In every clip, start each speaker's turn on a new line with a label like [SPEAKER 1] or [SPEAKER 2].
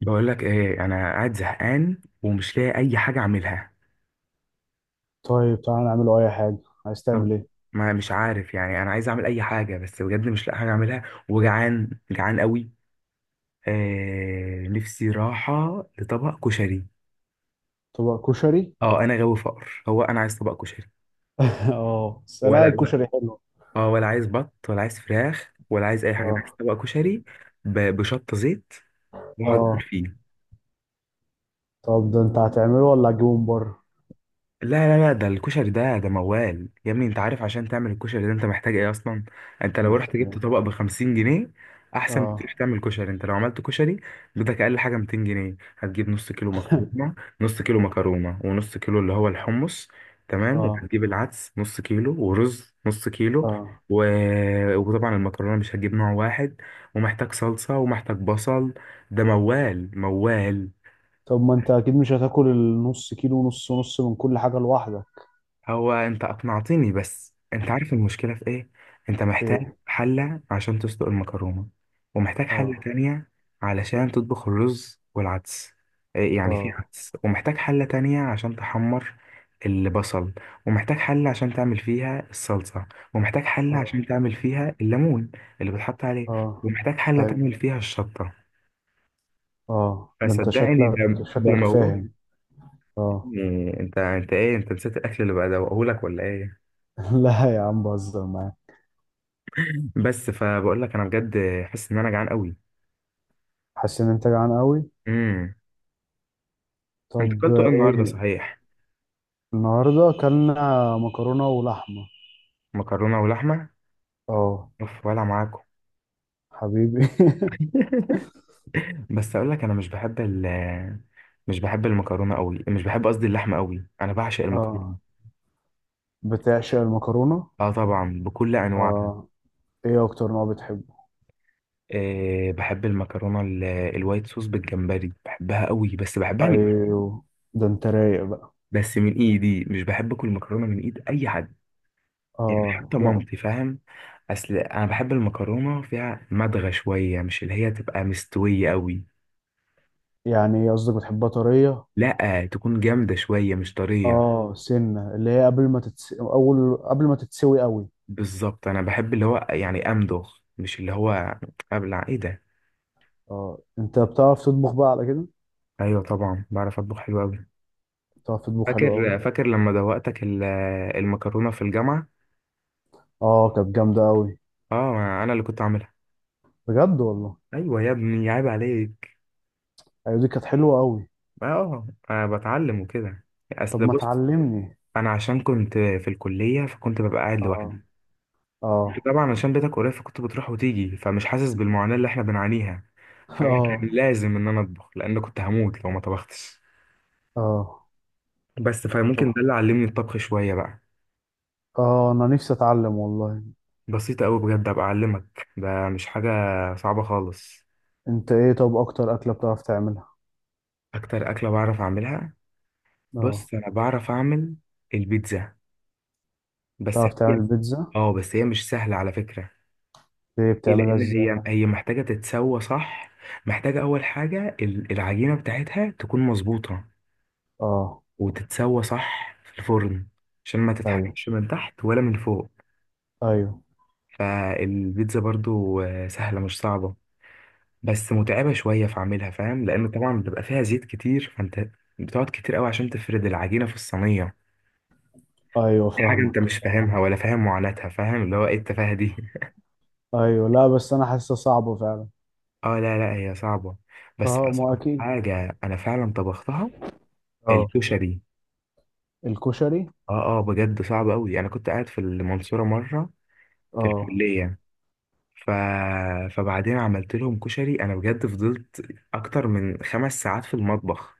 [SPEAKER 1] بقول لك ايه؟ انا قاعد زهقان ومش لاقي اي حاجه اعملها.
[SPEAKER 2] طيب، تعالى نعمله اي حاجه. عايز
[SPEAKER 1] طب،
[SPEAKER 2] تعمل ايه؟
[SPEAKER 1] ما مش عارف. يعني انا عايز اعمل اي حاجه بس بجد مش لاقي حاجه اعملها. وجعان جعان قوي. آه، نفسي راحه لطبق كشري.
[SPEAKER 2] طبق كشري؟
[SPEAKER 1] اه، انا غاوي فقر، هو انا عايز طبق كشري؟
[SPEAKER 2] اه، بس لا،
[SPEAKER 1] ولا.
[SPEAKER 2] الكشري حلو.
[SPEAKER 1] اه، ولا عايز بط ولا عايز فراخ ولا عايز اي حاجه، انا عايز
[SPEAKER 2] اه،
[SPEAKER 1] طبق كشري بشطه زيت واقعد اكل
[SPEAKER 2] اه.
[SPEAKER 1] فيه.
[SPEAKER 2] طب ده انت هتعمله ولا هتجيبه من بره؟
[SPEAKER 1] لا، لا، لا، ده الكشري ده موال يا ابني. انت عارف عشان تعمل الكشري ده انت محتاج ايه اصلا؟ انت لو
[SPEAKER 2] محتاج
[SPEAKER 1] رحت جبت
[SPEAKER 2] ايه؟
[SPEAKER 1] طبق ب 50 جنيه احسن ما تروح
[SPEAKER 2] اه.
[SPEAKER 1] تعمل كشري. انت لو عملت كشري بدك اقل حاجه 200 جنيه. هتجيب نص كيلو مكرونه، نص كيلو مكرونه ونص كيلو اللي هو الحمص. تمام،
[SPEAKER 2] اه،
[SPEAKER 1] وهتجيب العدس نص كيلو ورز نص كيلو
[SPEAKER 2] اه.
[SPEAKER 1] و... وطبعا المكرونه مش هتجيب نوع واحد، ومحتاج صلصه ومحتاج بصل. ده موال موال.
[SPEAKER 2] طب ما انت اكيد مش هتاكل النص كيلو ونص ونص من كل حاجه لوحدك؟
[SPEAKER 1] هو انت اقنعتني، بس انت عارف المشكلة في ايه؟ انت محتاج
[SPEAKER 2] ايه؟
[SPEAKER 1] حلة عشان تسلق المكرونة، ومحتاج حلة
[SPEAKER 2] اه،
[SPEAKER 1] تانية علشان تطبخ الرز والعدس. إيه يعني في
[SPEAKER 2] اه،
[SPEAKER 1] عدس، ومحتاج حلة تانية عشان تحمر البصل، ومحتاج حلة عشان تعمل فيها الصلصة، ومحتاج حلة عشان
[SPEAKER 2] اه،
[SPEAKER 1] تعمل فيها الليمون اللي بتحط عليه،
[SPEAKER 2] اه.
[SPEAKER 1] ومحتاج حلة
[SPEAKER 2] طيب.
[SPEAKER 1] تعمل فيها الشطة.
[SPEAKER 2] اه، ده انت
[SPEAKER 1] فصدقني،
[SPEAKER 2] شكلك
[SPEAKER 1] ده
[SPEAKER 2] شكلك
[SPEAKER 1] موضوع.
[SPEAKER 2] فاهم. اه.
[SPEAKER 1] انت ايه؟ انت نسيت الاكل اللي بدوقهولك ولا ايه؟
[SPEAKER 2] لا يا عم، بهزر معاك.
[SPEAKER 1] بس فبقول لك انا بجد حاسس ان انا جعان قوي.
[SPEAKER 2] حاسس ان انت جعان قوي.
[SPEAKER 1] امم انت
[SPEAKER 2] طب.
[SPEAKER 1] اكلتوا ايه النهارده
[SPEAKER 2] ايه؟
[SPEAKER 1] صحيح؟
[SPEAKER 2] النهارده اكلنا مكرونه ولحمه.
[SPEAKER 1] مكرونه ولحمه.
[SPEAKER 2] اه.
[SPEAKER 1] اوف، ولا معاكم.
[SPEAKER 2] حبيبي.
[SPEAKER 1] بس اقول لك انا مش بحب ال، مش بحب المكرونه قوي، مش بحب قصدي اللحمه قوي، انا بعشق
[SPEAKER 2] اه،
[SPEAKER 1] المكرونه.
[SPEAKER 2] بتعشق المكرونه؟
[SPEAKER 1] اه، طبعا بكل انواعها.
[SPEAKER 2] اه. ايه اكتر نوع بتحبه؟
[SPEAKER 1] أه، بحب المكرونه الوايت صوص بالجمبري، بحبها قوي بس بحبها من.
[SPEAKER 2] ايوه، ده انت رايق بقى.
[SPEAKER 1] بس من ايدي مش بحب اكل مكرونه من ايد اي حد. يعني
[SPEAKER 2] اه،
[SPEAKER 1] حتى
[SPEAKER 2] ده
[SPEAKER 1] مامتي، فاهم؟ اصل انا بحب المكرونه فيها مدغه شويه، مش اللي هي تبقى مستويه قوي.
[SPEAKER 2] يعني ايه قصدك؟ بتحبها طريه؟
[SPEAKER 1] لا، تكون جامده شويه مش طريه.
[SPEAKER 2] اه، سنه اللي هي قبل ما تتس... اول، قبل ما تتسوي قوي.
[SPEAKER 1] بالظبط، انا بحب اللي هو يعني امضغ، مش اللي هو ابلع. ايه ده؟
[SPEAKER 2] اه، انت بتعرف تطبخ بقى على كده؟
[SPEAKER 1] ايوه طبعا بعرف اطبخ حلو قوي.
[SPEAKER 2] بتعرف تطبخ حلو قوي؟
[SPEAKER 1] فاكر لما دوقتك المكرونه في الجامعه.
[SPEAKER 2] اه، كانت جامده قوي.
[SPEAKER 1] اه، انا اللي كنت عاملها.
[SPEAKER 2] بجد والله؟
[SPEAKER 1] ايوه يا ابني عيب عليك.
[SPEAKER 2] ايوه، دي كانت حلوه قوي.
[SPEAKER 1] اه، أنا بتعلم وكده.
[SPEAKER 2] طب
[SPEAKER 1] اصل
[SPEAKER 2] ما
[SPEAKER 1] بص،
[SPEAKER 2] تعلمني.
[SPEAKER 1] انا عشان كنت في الكليه فكنت ببقى قاعد
[SPEAKER 2] اه،
[SPEAKER 1] لوحدي.
[SPEAKER 2] اه.
[SPEAKER 1] طبعا عشان بيتك قريب فكنت بتروح وتيجي، فمش حاسس بالمعاناة اللي احنا بنعانيها. فانا
[SPEAKER 2] اه،
[SPEAKER 1] كان لازم ان انا اطبخ لان كنت هموت لو ما طبختش. بس فممكن
[SPEAKER 2] اه،
[SPEAKER 1] ده اللي علمني الطبخ شوية بقى.
[SPEAKER 2] اه، انا نفسي اتعلم والله.
[SPEAKER 1] بسيطة قوي بجد، ابقى اعلمك، ده مش حاجة صعبة خالص.
[SPEAKER 2] انت ايه؟ طب اكتر اكلة بتعرف تعملها؟
[SPEAKER 1] اكتر اكلة بعرف اعملها،
[SPEAKER 2] اه،
[SPEAKER 1] بص انا بعرف اعمل البيتزا. بس
[SPEAKER 2] بتعرف
[SPEAKER 1] هي،
[SPEAKER 2] تعمل بيتزا؟
[SPEAKER 1] اه بس هي مش سهلة على فكرة.
[SPEAKER 2] ايه،
[SPEAKER 1] ايه،
[SPEAKER 2] بتعملها
[SPEAKER 1] لان
[SPEAKER 2] ازاي؟
[SPEAKER 1] هي محتاجة تتسوى صح. محتاجة اول حاجة العجينة بتاعتها تكون مظبوطة
[SPEAKER 2] اه،
[SPEAKER 1] وتتسوى صح في الفرن عشان ما
[SPEAKER 2] ايوه،
[SPEAKER 1] تتحرقش من تحت ولا من فوق.
[SPEAKER 2] ايوه.
[SPEAKER 1] فالبيتزا برضو سهلة مش صعبة، بس متعبة شوية في عملها، فاهم؟ لأن طبعا بيبقى فيها زيت كتير، فأنت بتقعد كتير قوي عشان تفرد العجينة في الصينية.
[SPEAKER 2] ايوه
[SPEAKER 1] دي حاجة أنت
[SPEAKER 2] فاهمك.
[SPEAKER 1] مش
[SPEAKER 2] فاهمك.
[SPEAKER 1] فاهمها ولا فاهم معاناتها، فاهم اللي هو إيه التفاهة دي.
[SPEAKER 2] ايوه، لا، بس انا حاسسها صعبة فعلا.
[SPEAKER 1] اه لا لا، هي صعبة. بس
[SPEAKER 2] اه، ما
[SPEAKER 1] أصعب
[SPEAKER 2] اكيد.
[SPEAKER 1] حاجة أنا فعلا طبختها
[SPEAKER 2] اه.
[SPEAKER 1] الكشري.
[SPEAKER 2] الكشري.
[SPEAKER 1] اه اه، بجد صعب قوي. أنا كنت قاعد في المنصورة مرة في
[SPEAKER 2] اه.
[SPEAKER 1] الكلية ف... فبعدين عملت لهم كشري انا، بجد فضلت اكتر من 5 ساعات في المطبخ.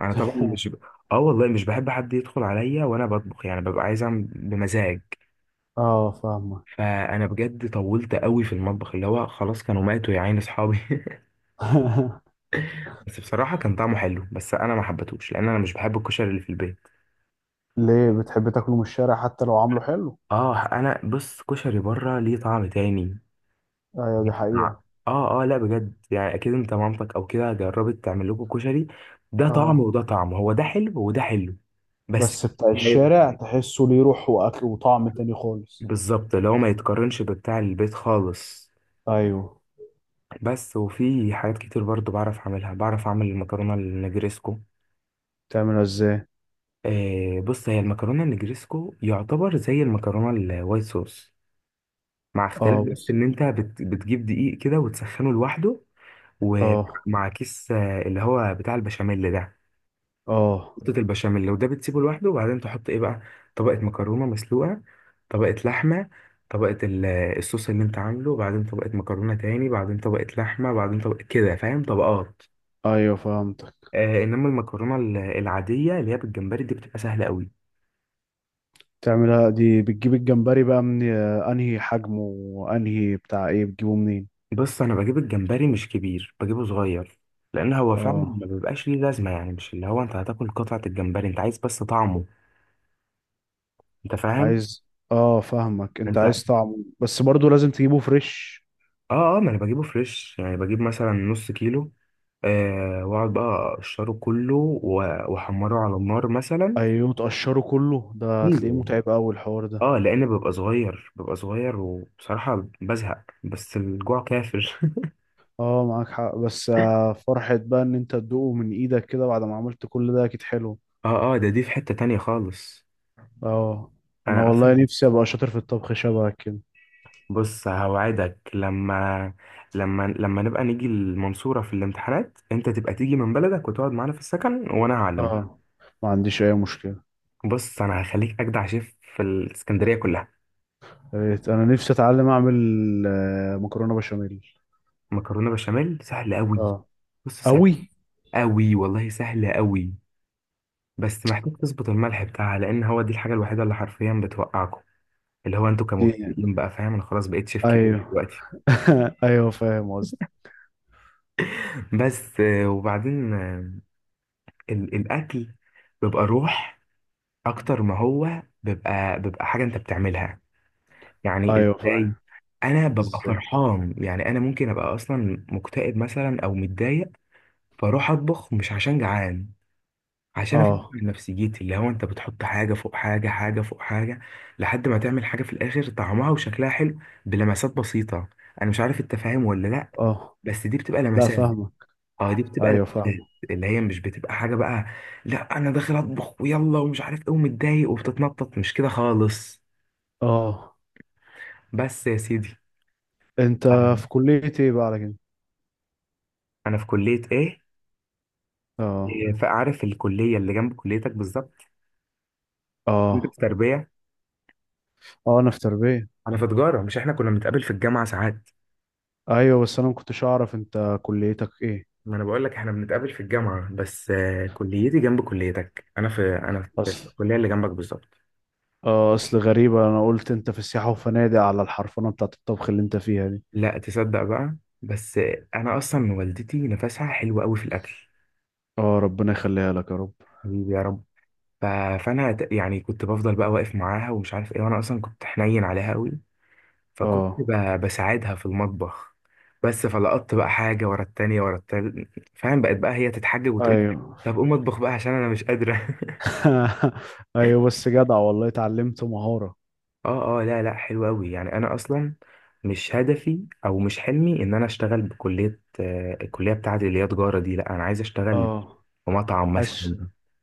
[SPEAKER 1] انا طبعا مش اه والله مش بحب حد يدخل عليا وانا بطبخ، يعني ببقى عايز اعمل بمزاج.
[SPEAKER 2] اه، فاهمك.
[SPEAKER 1] فانا بجد طولت قوي في المطبخ، اللي هو خلاص كانوا ماتوا يا عين اصحابي. بس بصراحة كان طعمه حلو، بس انا ما حبيتهوش لان انا مش بحب الكشري اللي في البيت.
[SPEAKER 2] ليه بتحب تاكله من الشارع حتى لو عامله حلو؟
[SPEAKER 1] اه انا بص، كشري بره ليه طعم تاني.
[SPEAKER 2] ايوه، دي حقيقة.
[SPEAKER 1] اه اه لا بجد، يعني اكيد انت مامتك او كده جربت تعمل لكم كشري، ده طعم
[SPEAKER 2] اه
[SPEAKER 1] وده طعم، هو ده حلو وده حلو. بس
[SPEAKER 2] بس، بتاع
[SPEAKER 1] ما يت-
[SPEAKER 2] الشارع تحسه ليه روح واكل وطعم تاني خالص.
[SPEAKER 1] بالظبط اللي هو ما يتقارنش ببتاع البيت خالص.
[SPEAKER 2] ايوه،
[SPEAKER 1] بس وفي حاجات كتير برضو بعرف اعملها، بعرف اعمل المكرونه النجريسكو.
[SPEAKER 2] تعملها ازاي؟
[SPEAKER 1] آه بص، هي المكرونه النجريسكو يعتبر زي المكرونه الوايت صوص مع اختلاف،
[SPEAKER 2] اه
[SPEAKER 1] بس
[SPEAKER 2] بس.
[SPEAKER 1] ان انت بتجيب دقيق كده وتسخنه لوحده،
[SPEAKER 2] اه،
[SPEAKER 1] ومع كيس اللي هو بتاع البشاميل ده.
[SPEAKER 2] اه.
[SPEAKER 1] خلطة البشاميل، لو ده بتسيبه لوحده وبعدين تحط ايه بقى، طبقة مكرونة مسلوقة، طبقة لحمة، طبقة الصوص اللي انت عامله، وبعدين طبقة مكرونة تاني، بعدين طبقة لحمة، بعدين طبقة كده، فاهم؟ طبقات.
[SPEAKER 2] ايوه فهمتك.
[SPEAKER 1] آه، انما المكرونة العادية اللي هي بالجمبري دي بتبقى سهلة قوي.
[SPEAKER 2] تعملها دي بتجيب الجمبري بقى من انهي حجمه وانهي بتاع ايه بتجيبه منين؟
[SPEAKER 1] بص انا بجيب الجمبري مش كبير، بجيبه صغير، لان هو فعلا
[SPEAKER 2] اه،
[SPEAKER 1] ما بيبقاش ليه لازمة، يعني مش اللي هو انت هتاكل قطعة الجمبري، انت عايز بس طعمه. انت فاهم؟
[SPEAKER 2] عايز. اه فاهمك، انت
[SPEAKER 1] انت
[SPEAKER 2] عايز طعمه بس برضو لازم تجيبه فريش.
[SPEAKER 1] اه اه، ما انا بجيبه فريش، يعني بجيب مثلا نص كيلو، آه، واقعد بقى اقشره كله واحمره على النار مثلا.
[SPEAKER 2] ايوه تقشره كله؟ ده هتلاقيه
[SPEAKER 1] كله
[SPEAKER 2] متعب قوي الحوار ده.
[SPEAKER 1] اه، لان ببقى صغير ببقى صغير وبصراحة بزهق، بس الجوع كافر.
[SPEAKER 2] اه معاك حق، بس فرحة بقى ان انت تدوقه من ايدك كده بعد ما عملت كل ده اكيد حلو.
[SPEAKER 1] اه اه، ده دي في حتة تانية خالص.
[SPEAKER 2] اه، انا
[SPEAKER 1] انا
[SPEAKER 2] والله
[SPEAKER 1] اصلا
[SPEAKER 2] نفسي ابقى شاطر في الطبخ شبهك كده.
[SPEAKER 1] بص، هوعدك لما نبقى نيجي المنصورة في الامتحانات، انت تبقى تيجي من بلدك وتقعد معانا في السكن، وانا هعلمك.
[SPEAKER 2] اه، ما عنديش اي مشكلة.
[SPEAKER 1] بص انا هخليك اجدع شيف في الاسكندرية كلها.
[SPEAKER 2] يا ريت، انا نفسي اتعلم اعمل مكرونه بشاميل.
[SPEAKER 1] مكرونه بشاميل سهل قوي،
[SPEAKER 2] اه،
[SPEAKER 1] بص سهل
[SPEAKER 2] قوي.
[SPEAKER 1] قوي والله، سهل قوي. بس محتاج تظبط الملح بتاعها، لان هو دي الحاجه الوحيده اللي حرفيا بتوقعكم، اللي هو انتوا
[SPEAKER 2] دي.
[SPEAKER 1] كمبتدئين بقى، فاهم؟ انا خلاص بقيت شيف كبير
[SPEAKER 2] ايوه.
[SPEAKER 1] دلوقتي.
[SPEAKER 2] ايوه فاهم قصدي.
[SPEAKER 1] بس وبعدين الاكل بيبقى روح اكتر ما هو بيبقى حاجه انت بتعملها. يعني
[SPEAKER 2] ايوه فاهم.
[SPEAKER 1] ازاي؟ انا ببقى
[SPEAKER 2] ازاي؟
[SPEAKER 1] فرحان، يعني انا ممكن ابقى اصلا مكتئب مثلا او متضايق، فاروح اطبخ مش عشان جعان، عشان افكر
[SPEAKER 2] اه،
[SPEAKER 1] نفسيتي، اللي هو انت بتحط حاجه فوق حاجه، حاجه فوق حاجه لحد ما تعمل حاجه في الاخر طعمها وشكلها حلو، بلمسات بسيطه. انا مش عارف انت فاهم ولا لا،
[SPEAKER 2] اه،
[SPEAKER 1] بس دي بتبقى
[SPEAKER 2] لا
[SPEAKER 1] لمسات.
[SPEAKER 2] فاهمك.
[SPEAKER 1] اه، دي بتبقى
[SPEAKER 2] ايوه فاهمك.
[SPEAKER 1] لمسات، اللي هي مش بتبقى حاجه بقى. لا، انا داخل اطبخ ويلا ومش عارف ايه ومتضايق وبتتنطط، مش كده خالص.
[SPEAKER 2] اه.
[SPEAKER 1] بس يا سيدي.
[SPEAKER 2] انت
[SPEAKER 1] انا،
[SPEAKER 2] في كليه ايه بقى على كده؟
[SPEAKER 1] أنا في كليه ايه؟
[SPEAKER 2] اه،
[SPEAKER 1] فعارف الكليه اللي جنب كليتك بالظبط. انت في
[SPEAKER 2] اه،
[SPEAKER 1] تربيه،
[SPEAKER 2] اه، انا في تربيه.
[SPEAKER 1] انا في تجاره. مش احنا كنا بنتقابل في الجامعه ساعات؟
[SPEAKER 2] ايوه بس، انا ما كنتش اعرف انت كليتك ايه.
[SPEAKER 1] ما انا بقول لك، احنا بنتقابل في الجامعه، بس كليتي جنب كليتك. انا في،
[SPEAKER 2] اصل
[SPEAKER 1] الكليه اللي جنبك بالظبط.
[SPEAKER 2] اه اصل غريبه، انا قلت انت في السياحه وفنادق على الحرفنه بتاعت الطبخ اللي انت فيها دي.
[SPEAKER 1] لا، تصدق بقى، بس انا اصلا والدتي نفسها حلو قوي في الاكل.
[SPEAKER 2] اه، ربنا يخليها لك يا رب.
[SPEAKER 1] حبيبي يا رب. ف- فانا يعني كنت بفضل بقى واقف معاها ومش عارف ايه، وانا اصلا كنت حنين عليها قوي، فكنت
[SPEAKER 2] اه،
[SPEAKER 1] بساعدها في المطبخ. بس فلقطت بقى حاجه ورا التانيه ورا التالت، فاهم؟ بقت بقى هي تتحجج وتقول
[SPEAKER 2] ايوه.
[SPEAKER 1] طب قوم اطبخ بقى عشان انا مش قادره.
[SPEAKER 2] ايوه بس، جدع والله اتعلمت مهارة.
[SPEAKER 1] اه اه لا لا، حلو قوي يعني. انا اصلا مش هدفي او مش حلمي ان انا اشتغل بكليه، الكليه بتاعتي اللي هي تجاره دي. لا، انا عايز اشتغل
[SPEAKER 2] اه،
[SPEAKER 1] في مطعم
[SPEAKER 2] حش،
[SPEAKER 1] مثلا،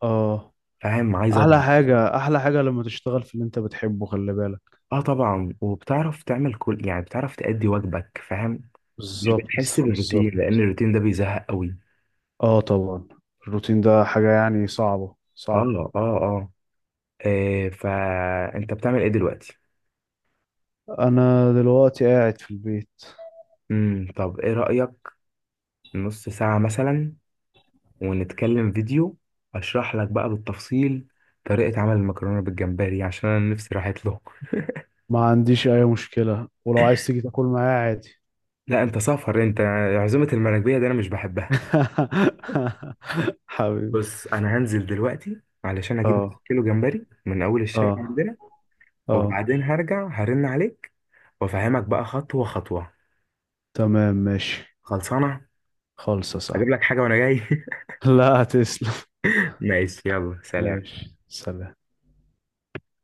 [SPEAKER 2] اه.
[SPEAKER 1] فاهم؟ عايز
[SPEAKER 2] احلى
[SPEAKER 1] اطبخ.
[SPEAKER 2] حاجة، احلى حاجة لما تشتغل في اللي انت بتحبه، خلي بالك.
[SPEAKER 1] اه طبعا، وبتعرف تعمل كل، يعني بتعرف تأدي واجبك، فاهم؟ مش بتحس
[SPEAKER 2] بالظبط،
[SPEAKER 1] بالروتين، لان
[SPEAKER 2] بالظبط.
[SPEAKER 1] الروتين ده بيزهق قوي.
[SPEAKER 2] اه طبعا. الروتين ده حاجة يعني صعبة
[SPEAKER 1] اه
[SPEAKER 2] صعبة.
[SPEAKER 1] اه اه، فانت بتعمل ايه دلوقتي؟
[SPEAKER 2] انا دلوقتي قاعد في البيت.
[SPEAKER 1] طب ايه رأيك، نص ساعه مثلا ونتكلم فيديو، اشرح لك بقى بالتفصيل طريقة عمل المكرونة بالجمبري عشان انا نفسي راحت له.
[SPEAKER 2] ما عنديش اي مشكلة، ولو عايز تيجي تاكل معايا عادي.
[SPEAKER 1] لا انت سافر انت، عزومة المراكبية دي انا مش بحبها.
[SPEAKER 2] حبيبي.
[SPEAKER 1] بص انا هنزل دلوقتي علشان اجيب
[SPEAKER 2] اه،
[SPEAKER 1] كيلو جمبري من اول الشارع
[SPEAKER 2] اه،
[SPEAKER 1] عندنا
[SPEAKER 2] اه.
[SPEAKER 1] وبعدين هرجع هرن عليك وافهمك بقى خطوة خطوة.
[SPEAKER 2] تمام ماشي.
[SPEAKER 1] خلصانة.
[SPEAKER 2] خالصة
[SPEAKER 1] اجيب
[SPEAKER 2] صح.
[SPEAKER 1] لك حاجة وانا جاي.
[SPEAKER 2] لا، تسلم.
[SPEAKER 1] ماشي، يلا سلام.
[SPEAKER 2] ماشي، سلام.